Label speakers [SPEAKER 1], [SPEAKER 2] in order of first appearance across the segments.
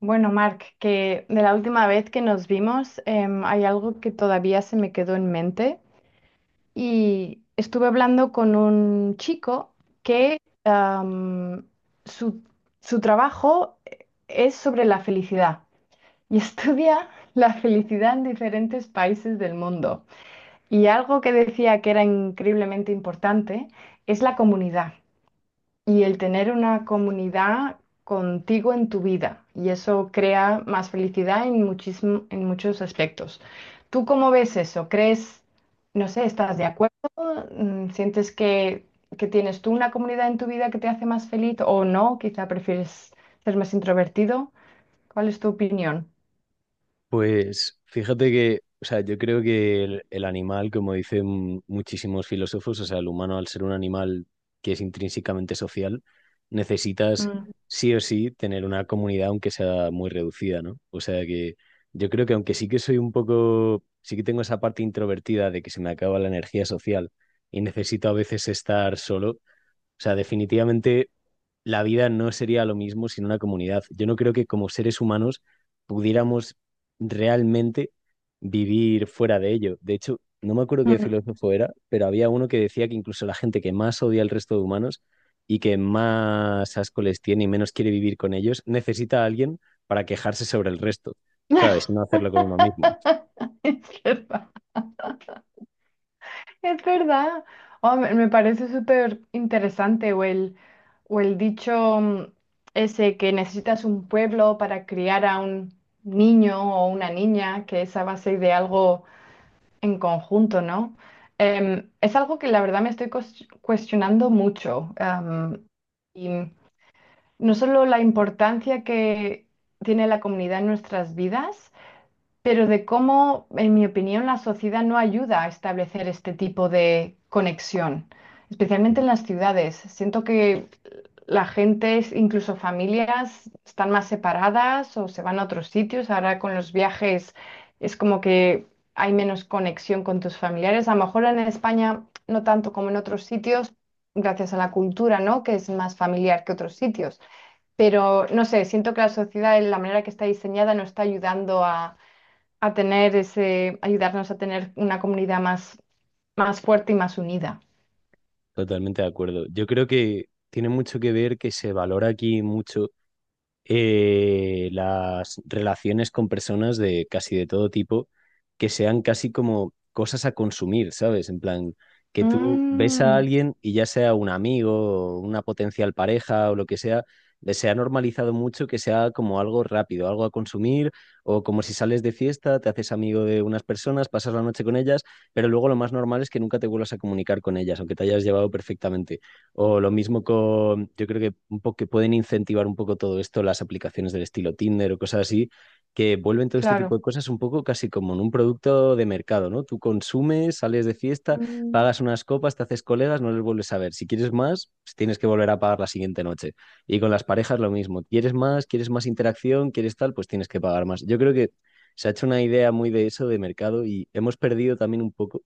[SPEAKER 1] Bueno, Marc, que de la última vez que nos vimos, hay algo que todavía se me quedó en mente y estuve hablando con un chico que am, su, su trabajo es sobre la felicidad y estudia la felicidad en diferentes países del mundo. Y algo que decía que era increíblemente importante es la comunidad y el tener una comunidad contigo en tu vida. Y eso crea más felicidad en muchos aspectos. ¿Tú cómo ves eso? ¿Crees, no sé, estás de acuerdo? ¿Sientes que tienes tú una comunidad en tu vida que te hace más feliz o no? Quizá prefieres ser más introvertido. ¿Cuál es tu opinión?
[SPEAKER 2] Pues fíjate que, o sea, yo creo que el animal, como dicen muchísimos filósofos, o sea, el humano al ser un animal que es intrínsecamente social, necesitas
[SPEAKER 1] Mm.
[SPEAKER 2] sí o sí tener una comunidad aunque sea muy reducida, ¿no? O sea que yo creo que aunque sí que soy un poco, sí que tengo esa parte introvertida de que se me acaba la energía social y necesito a veces estar solo, o sea, definitivamente la vida no sería lo mismo sin una comunidad. Yo no creo que como seres humanos pudiéramos realmente vivir fuera de ello. De hecho, no me acuerdo qué
[SPEAKER 1] Mm.
[SPEAKER 2] filósofo era, pero había uno que decía que incluso la gente que más odia al resto de humanos y que más asco les tiene y menos quiere vivir con ellos, necesita a alguien para quejarse sobre el resto, ¿sabes? Y no hacerlo con uno mismo.
[SPEAKER 1] Es verdad. Es verdad. Oh, me parece súper interesante o el dicho ese que necesitas un pueblo para criar a un niño o una niña, que es a base de algo en conjunto, ¿no? Es algo que la verdad me estoy cuestionando mucho. Y no solo la importancia que tiene la comunidad en nuestras vidas, pero de cómo, en mi opinión, la sociedad no ayuda a establecer este tipo de conexión, especialmente en las ciudades. Siento que la gente, incluso familias, están más separadas o se van a otros sitios. Ahora con los viajes es como que hay menos conexión con tus familiares. A lo mejor en España no tanto como en otros sitios, gracias a la cultura, ¿no? Que es más familiar que otros sitios. Pero no sé, siento que la sociedad, en la manera que está diseñada, no está ayudando a tener ese, ayudarnos a tener una comunidad más fuerte y más unida.
[SPEAKER 2] Totalmente de acuerdo. Yo creo que tiene mucho que ver que se valora aquí mucho las relaciones con personas de casi de todo tipo que sean casi como cosas a consumir, ¿sabes? En plan, que tú ves a
[SPEAKER 1] Mm,
[SPEAKER 2] alguien y ya sea un amigo, o una potencial pareja o lo que sea, le se ha normalizado mucho que sea como algo rápido, algo a consumir, o como si sales de fiesta, te haces amigo de unas personas, pasas la noche con ellas, pero luego lo más normal es que nunca te vuelvas a comunicar con ellas, aunque te hayas llevado perfectamente. O lo mismo con, yo creo que un poco que pueden incentivar un poco todo esto, las aplicaciones del estilo Tinder o cosas así, que vuelven todo este tipo de
[SPEAKER 1] claro,
[SPEAKER 2] cosas un poco casi como en un producto de mercado, ¿no? Tú consumes, sales de fiesta,
[SPEAKER 1] mm,
[SPEAKER 2] pagas unas copas, te haces colegas, no les vuelves a ver. Si quieres más, pues tienes que volver a pagar la siguiente noche. Y con las parejas lo mismo. ¿Quieres más? ¿Quieres más interacción? ¿Quieres tal? Pues tienes que pagar más. Yo creo que se ha hecho una idea muy de eso de mercado y hemos perdido también un poco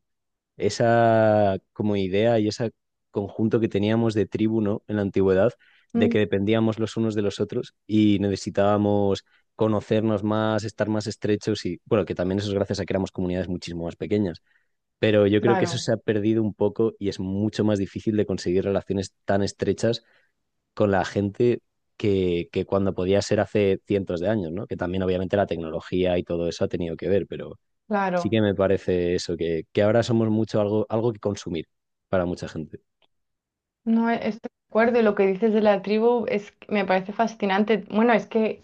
[SPEAKER 2] esa como idea y ese conjunto que teníamos de tribu, ¿no? En la antigüedad, de
[SPEAKER 1] mm,
[SPEAKER 2] que dependíamos los unos de los otros y necesitábamos conocernos más, estar más estrechos y, bueno, que también eso es gracias a que éramos comunidades muchísimo más pequeñas. Pero yo creo que eso
[SPEAKER 1] claro,
[SPEAKER 2] se ha perdido un poco y es mucho más difícil de conseguir relaciones tan estrechas con la gente. Que cuando podía ser hace cientos de años, ¿no? Que también obviamente la tecnología y todo eso ha tenido que ver, pero sí
[SPEAKER 1] claro.
[SPEAKER 2] que me parece eso, que ahora somos mucho algo, algo que consumir para mucha gente,
[SPEAKER 1] No, estoy de acuerdo y lo que dices de la tribu es, que me parece fascinante. Bueno, es que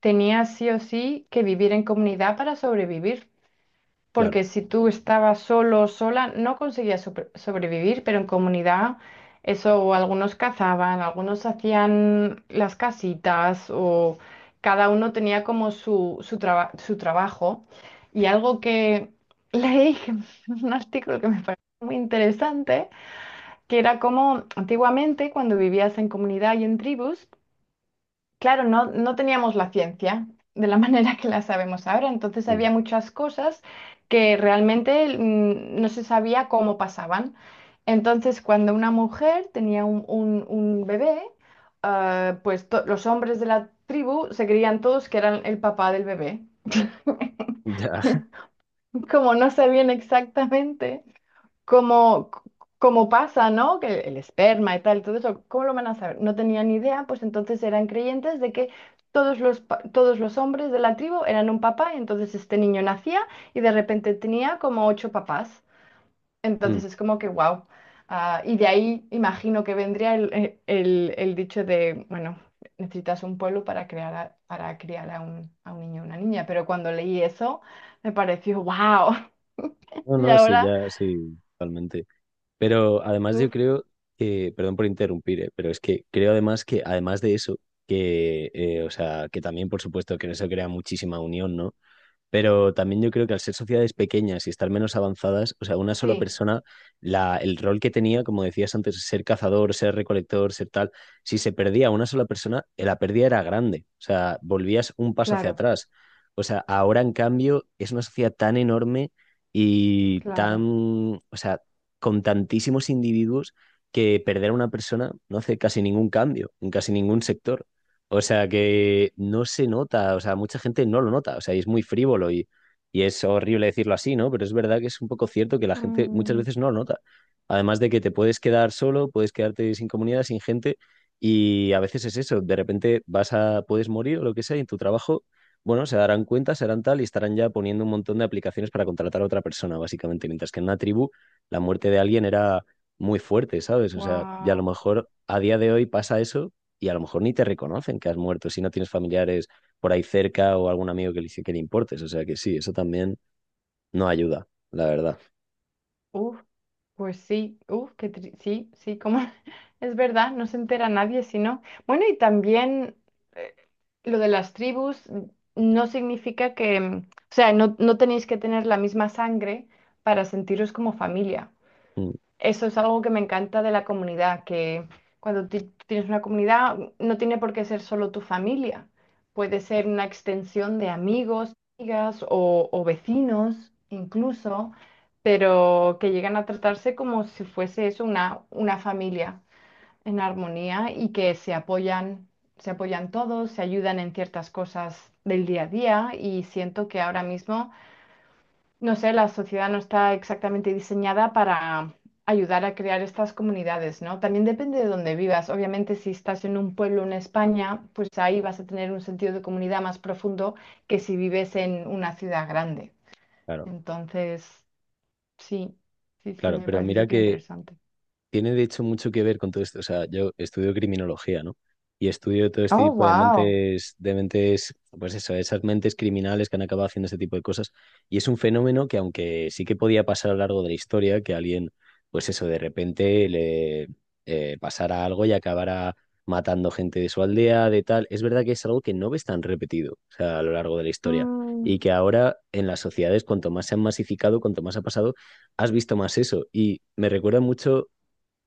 [SPEAKER 1] tenía sí o sí que vivir en comunidad para sobrevivir,
[SPEAKER 2] claro.
[SPEAKER 1] porque si tú estabas solo o sola, no conseguías sobrevivir, pero en comunidad, eso, algunos cazaban, algunos hacían las casitas, o cada uno tenía como su trabajo. Y algo que leí, un artículo que me pareció muy interesante, que era como antiguamente, cuando vivías en comunidad y en tribus. Claro, no, no teníamos la ciencia de la manera que la sabemos ahora, entonces
[SPEAKER 2] Mm.
[SPEAKER 1] había muchas cosas que realmente no se sabía cómo pasaban. Entonces, cuando una mujer tenía un bebé, pues los hombres de la tribu se creían todos que eran el papá del bebé.
[SPEAKER 2] Ya,
[SPEAKER 1] Como no sabían exactamente como, como pasa, ¿no? Que el esperma y tal, todo eso, ¿cómo lo van a saber? No tenían ni idea, pues entonces eran creyentes de que todos los hombres de la tribu eran un papá, y entonces este niño nacía y de repente tenía como ocho papás.
[SPEAKER 2] mm.
[SPEAKER 1] Entonces es como que, wow. Y de ahí imagino que vendría el, el dicho de, bueno, necesitas un pueblo para para criar a a un niño o una niña, pero cuando leí eso me pareció, wow.
[SPEAKER 2] No,
[SPEAKER 1] Y
[SPEAKER 2] no, sí,
[SPEAKER 1] ahora,
[SPEAKER 2] ya, sí, totalmente. Pero además yo
[SPEAKER 1] uf,
[SPEAKER 2] creo que, perdón por interrumpir, pero es que creo además que, además de eso, que, o sea, que también, por supuesto, que en eso crea muchísima unión, ¿no? Pero también yo creo que al ser sociedades pequeñas y estar menos avanzadas, o sea, una sola
[SPEAKER 1] sí,
[SPEAKER 2] persona, la, el rol que tenía, como decías antes, ser cazador, ser recolector, ser tal, si se perdía una sola persona, la pérdida era grande. O sea, volvías un paso hacia
[SPEAKER 1] claro.
[SPEAKER 2] atrás. O sea, ahora en cambio es una sociedad tan enorme y tan,
[SPEAKER 1] Claro.
[SPEAKER 2] o sea, con tantísimos individuos que perder a una persona no hace casi ningún cambio en casi ningún sector. O sea que no se nota, o sea, mucha gente no lo nota, o sea, y es muy frívolo y es horrible decirlo así, ¿no? Pero es verdad que es un poco cierto que la gente muchas veces no lo nota. Además de que te puedes quedar solo, puedes quedarte sin comunidad, sin gente, y a veces es eso, de repente vas a, puedes morir o lo que sea, y en tu trabajo, bueno, se darán cuenta, se harán tal y estarán ya poniendo un montón de aplicaciones para contratar a otra persona, básicamente, mientras que en una tribu la muerte de alguien era muy fuerte, ¿sabes? O sea, ya a lo
[SPEAKER 1] Wow.
[SPEAKER 2] mejor a día de hoy pasa eso y a lo mejor ni te reconocen que has muerto si no tienes familiares por ahí cerca o algún amigo que le importes. O sea que sí, eso también no ayuda, la verdad.
[SPEAKER 1] Uf, pues sí, uf, que sí, sí, como es verdad, no se entera nadie si no. Bueno, y también eh, lo de las tribus no significa que, mm, o sea, no, no tenéis que tener la misma sangre para sentiros como familia.
[SPEAKER 2] Mm,
[SPEAKER 1] Eso es algo que me encanta de la comunidad, que cuando tú tienes una comunidad no tiene por qué ser solo tu familia, puede ser una extensión de amigos, amigas o vecinos incluso, pero que llegan a tratarse como si fuese eso una familia en armonía y que se apoyan todos, se ayudan en ciertas cosas del día a día y siento que ahora mismo... No sé, la sociedad no está exactamente diseñada para ayudar a crear estas comunidades, ¿no? También depende de dónde vivas. Obviamente, si estás en un pueblo en España, pues ahí vas a tener un sentido de comunidad más profundo que si vives en una ciudad grande.
[SPEAKER 2] claro,
[SPEAKER 1] Entonces, sí, sí, sí,
[SPEAKER 2] claro.
[SPEAKER 1] me
[SPEAKER 2] Pero
[SPEAKER 1] parece
[SPEAKER 2] mira
[SPEAKER 1] súper
[SPEAKER 2] que
[SPEAKER 1] interesante.
[SPEAKER 2] tiene de hecho mucho que ver con todo esto. O sea, yo estudio criminología, ¿no? Y estudio todo este
[SPEAKER 1] Oh,
[SPEAKER 2] tipo
[SPEAKER 1] wow.
[SPEAKER 2] de mentes, pues eso, esas mentes criminales que han acabado haciendo este tipo de cosas. Y es un fenómeno que, aunque sí que podía pasar a lo largo de la historia, que alguien, pues eso, de repente le pasara algo y acabara matando gente de su aldea, de tal, es verdad que es algo que no ves tan repetido, o sea, a lo largo de la historia. Y
[SPEAKER 1] Mm,
[SPEAKER 2] que ahora en las sociedades, cuanto más se han masificado, cuanto más ha pasado, has visto más eso. Y me recuerda mucho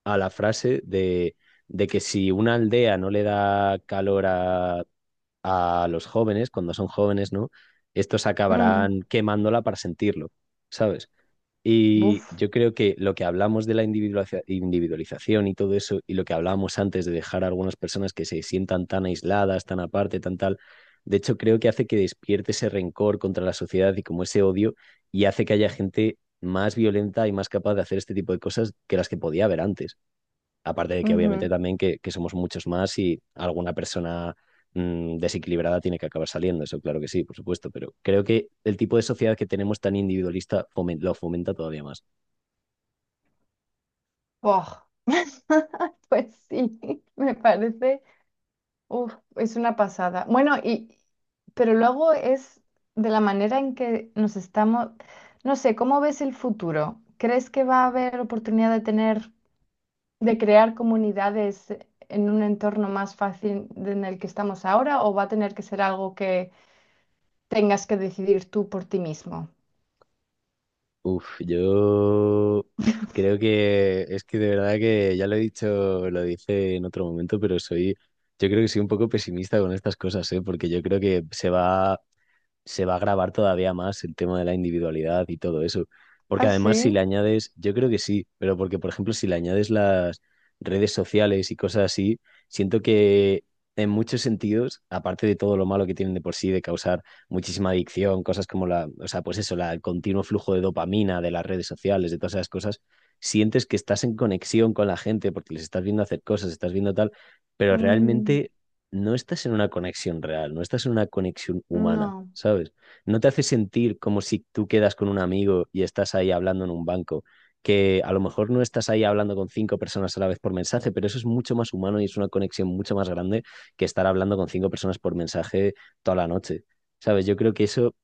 [SPEAKER 2] a la frase de que si una aldea no le da calor a los jóvenes, cuando son jóvenes, ¿no? Estos
[SPEAKER 1] mm,
[SPEAKER 2] acabarán quemándola para sentirlo, ¿sabes? Y
[SPEAKER 1] buf,
[SPEAKER 2] yo creo que lo que hablamos de la individualización y todo eso, y lo que hablábamos antes de dejar a algunas personas que se sientan tan aisladas, tan aparte, tan tal, de hecho creo que hace que despierte ese rencor contra la sociedad y como ese odio, y hace que haya gente más violenta y más capaz de hacer este tipo de cosas que las que podía haber antes. Aparte de que
[SPEAKER 1] ujú.
[SPEAKER 2] obviamente también que somos muchos más y alguna persona desequilibrada tiene que acabar saliendo, eso claro que sí, por supuesto, pero creo que el tipo de sociedad que tenemos tan individualista lo fomenta todavía más.
[SPEAKER 1] Oh, pues sí, me parece. Uf, es una pasada. Bueno, y pero luego es de la manera en que nos estamos, no sé, ¿cómo ves el futuro? ¿Crees que va a haber oportunidad de tener, de crear comunidades en un entorno más fácil en el que estamos ahora o va a tener que ser algo que tengas que decidir tú por ti mismo?
[SPEAKER 2] Uf, yo creo que es que de verdad que ya lo he dicho, lo dice en otro momento, pero soy, yo creo que soy un poco pesimista con estas cosas, ¿eh? Porque yo creo que se va a grabar todavía más el tema de la individualidad y todo eso. Porque
[SPEAKER 1] Ah,
[SPEAKER 2] además si
[SPEAKER 1] sí.
[SPEAKER 2] le añades, yo creo que sí, pero porque por ejemplo si le añades las redes sociales y cosas así, siento que en muchos sentidos, aparte de todo lo malo que tienen de por sí, de causar muchísima adicción, cosas como la, o sea, pues eso, la, el continuo flujo de dopamina de las redes sociales, de todas esas cosas, sientes que estás en conexión con la gente porque les estás viendo hacer cosas, estás viendo tal, pero
[SPEAKER 1] Mm,
[SPEAKER 2] realmente no estás en una conexión real, no estás en una conexión humana,
[SPEAKER 1] no.
[SPEAKER 2] ¿sabes? No te hace sentir como si tú quedas con un amigo y estás ahí hablando en un banco, que a lo mejor no estás ahí hablando con cinco personas a la vez por mensaje, pero eso es mucho más humano y es una conexión mucho más grande que estar hablando con cinco personas por mensaje toda la noche, ¿sabes? Yo creo que eso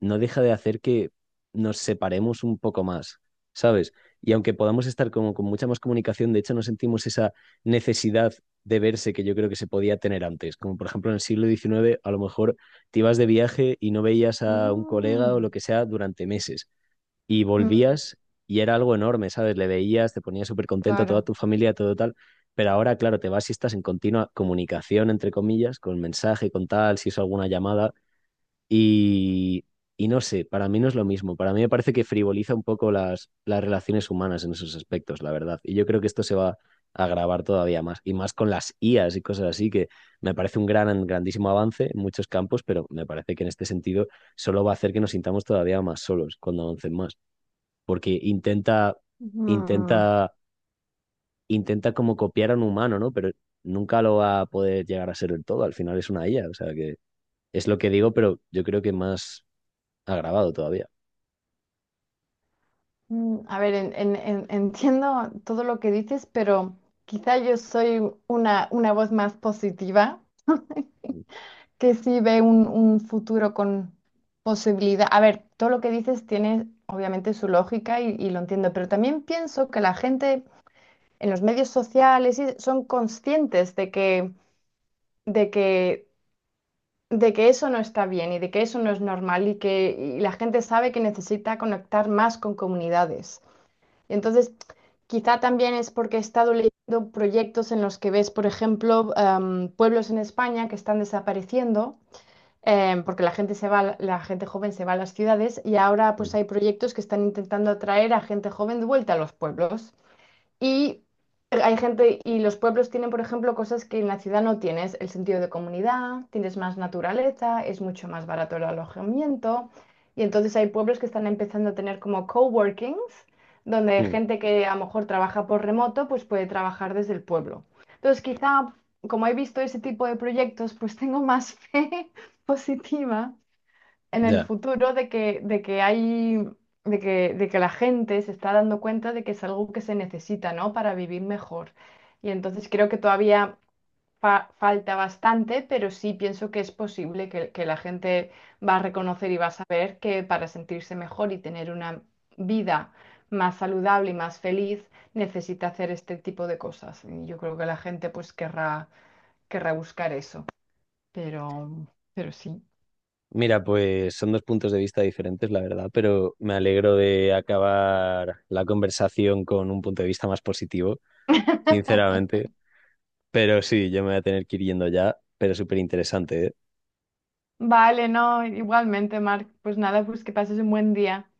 [SPEAKER 2] no deja de hacer que nos separemos un poco más, ¿sabes? Y aunque podamos estar como con mucha más comunicación, de hecho no sentimos esa necesidad de verse que yo creo que se podía tener antes. Como por ejemplo en el siglo XIX, a lo mejor te ibas de viaje y no veías a un colega o lo
[SPEAKER 1] Mm,
[SPEAKER 2] que sea durante meses y
[SPEAKER 1] mm,
[SPEAKER 2] volvías y era algo enorme, ¿sabes? Le veías, te ponías súper contento a toda
[SPEAKER 1] claro.
[SPEAKER 2] tu familia, todo tal. Pero ahora, claro, te vas y estás en continua comunicación, entre comillas, con mensaje, con tal, si hizo alguna llamada. Y, y no sé, para mí no es lo mismo. Para mí me parece que frivoliza un poco las relaciones humanas en esos aspectos, la verdad. Y yo creo que esto se va a agravar todavía más. Y más con las IAs y cosas así, que me parece un gran, grandísimo avance en muchos campos, pero me parece que en este sentido solo va a hacer que nos sintamos todavía más solos cuando avancen más. Porque
[SPEAKER 1] Mm.
[SPEAKER 2] intenta, intenta como copiar a un humano, ¿no? Pero nunca lo va a poder llegar a ser del todo. Al final es una IA. O sea que es lo que digo, pero yo creo que más ha grabado todavía.
[SPEAKER 1] Mm, a ver, entiendo todo lo que dices, pero quizá yo soy una voz más positiva que sí ve un futuro con posibilidad. A ver, todo lo que dices tiene obviamente su lógica y lo entiendo, pero también pienso que la gente en los medios sociales son conscientes de que, de que eso no está bien y de que eso no es normal y que y la gente sabe que necesita conectar más con comunidades. Entonces, quizá también es porque he estado leyendo proyectos en los que ves, por ejemplo, pueblos en España que están desapareciendo, porque la gente se va, a la gente joven se va a las ciudades y ahora pues hay proyectos que están intentando atraer a gente joven de vuelta a los pueblos. Y hay gente, y los pueblos tienen, por ejemplo, cosas que en la ciudad no tienes, el sentido de comunidad, tienes más naturaleza, es mucho más barato el alojamiento. Y entonces hay pueblos que están empezando a tener como coworkings, donde
[SPEAKER 2] Mm.
[SPEAKER 1] gente que a lo mejor trabaja por remoto, pues puede trabajar desde el pueblo. Entonces, quizá, como he visto ese tipo de proyectos, pues tengo más fe positiva en el
[SPEAKER 2] Ya.
[SPEAKER 1] futuro de que hay, de que la gente se está dando cuenta de que es algo que se necesita, ¿no? Para vivir mejor. Y entonces creo que todavía falta bastante, pero sí pienso que es posible que la gente va a reconocer y va a saber que para sentirse mejor y tener una vida más saludable y más feliz, necesita hacer este tipo de cosas. Y yo creo que la gente pues querrá, querrá buscar eso. Pero, pero sí.
[SPEAKER 2] Mira, pues son dos puntos de vista diferentes, la verdad, pero me alegro de acabar la conversación con un punto de vista más positivo, sinceramente. Pero sí, yo me voy a tener que ir yendo ya, pero súper interesante,
[SPEAKER 1] Vale, no, igualmente, Marc. Pues nada, pues que pases un buen día.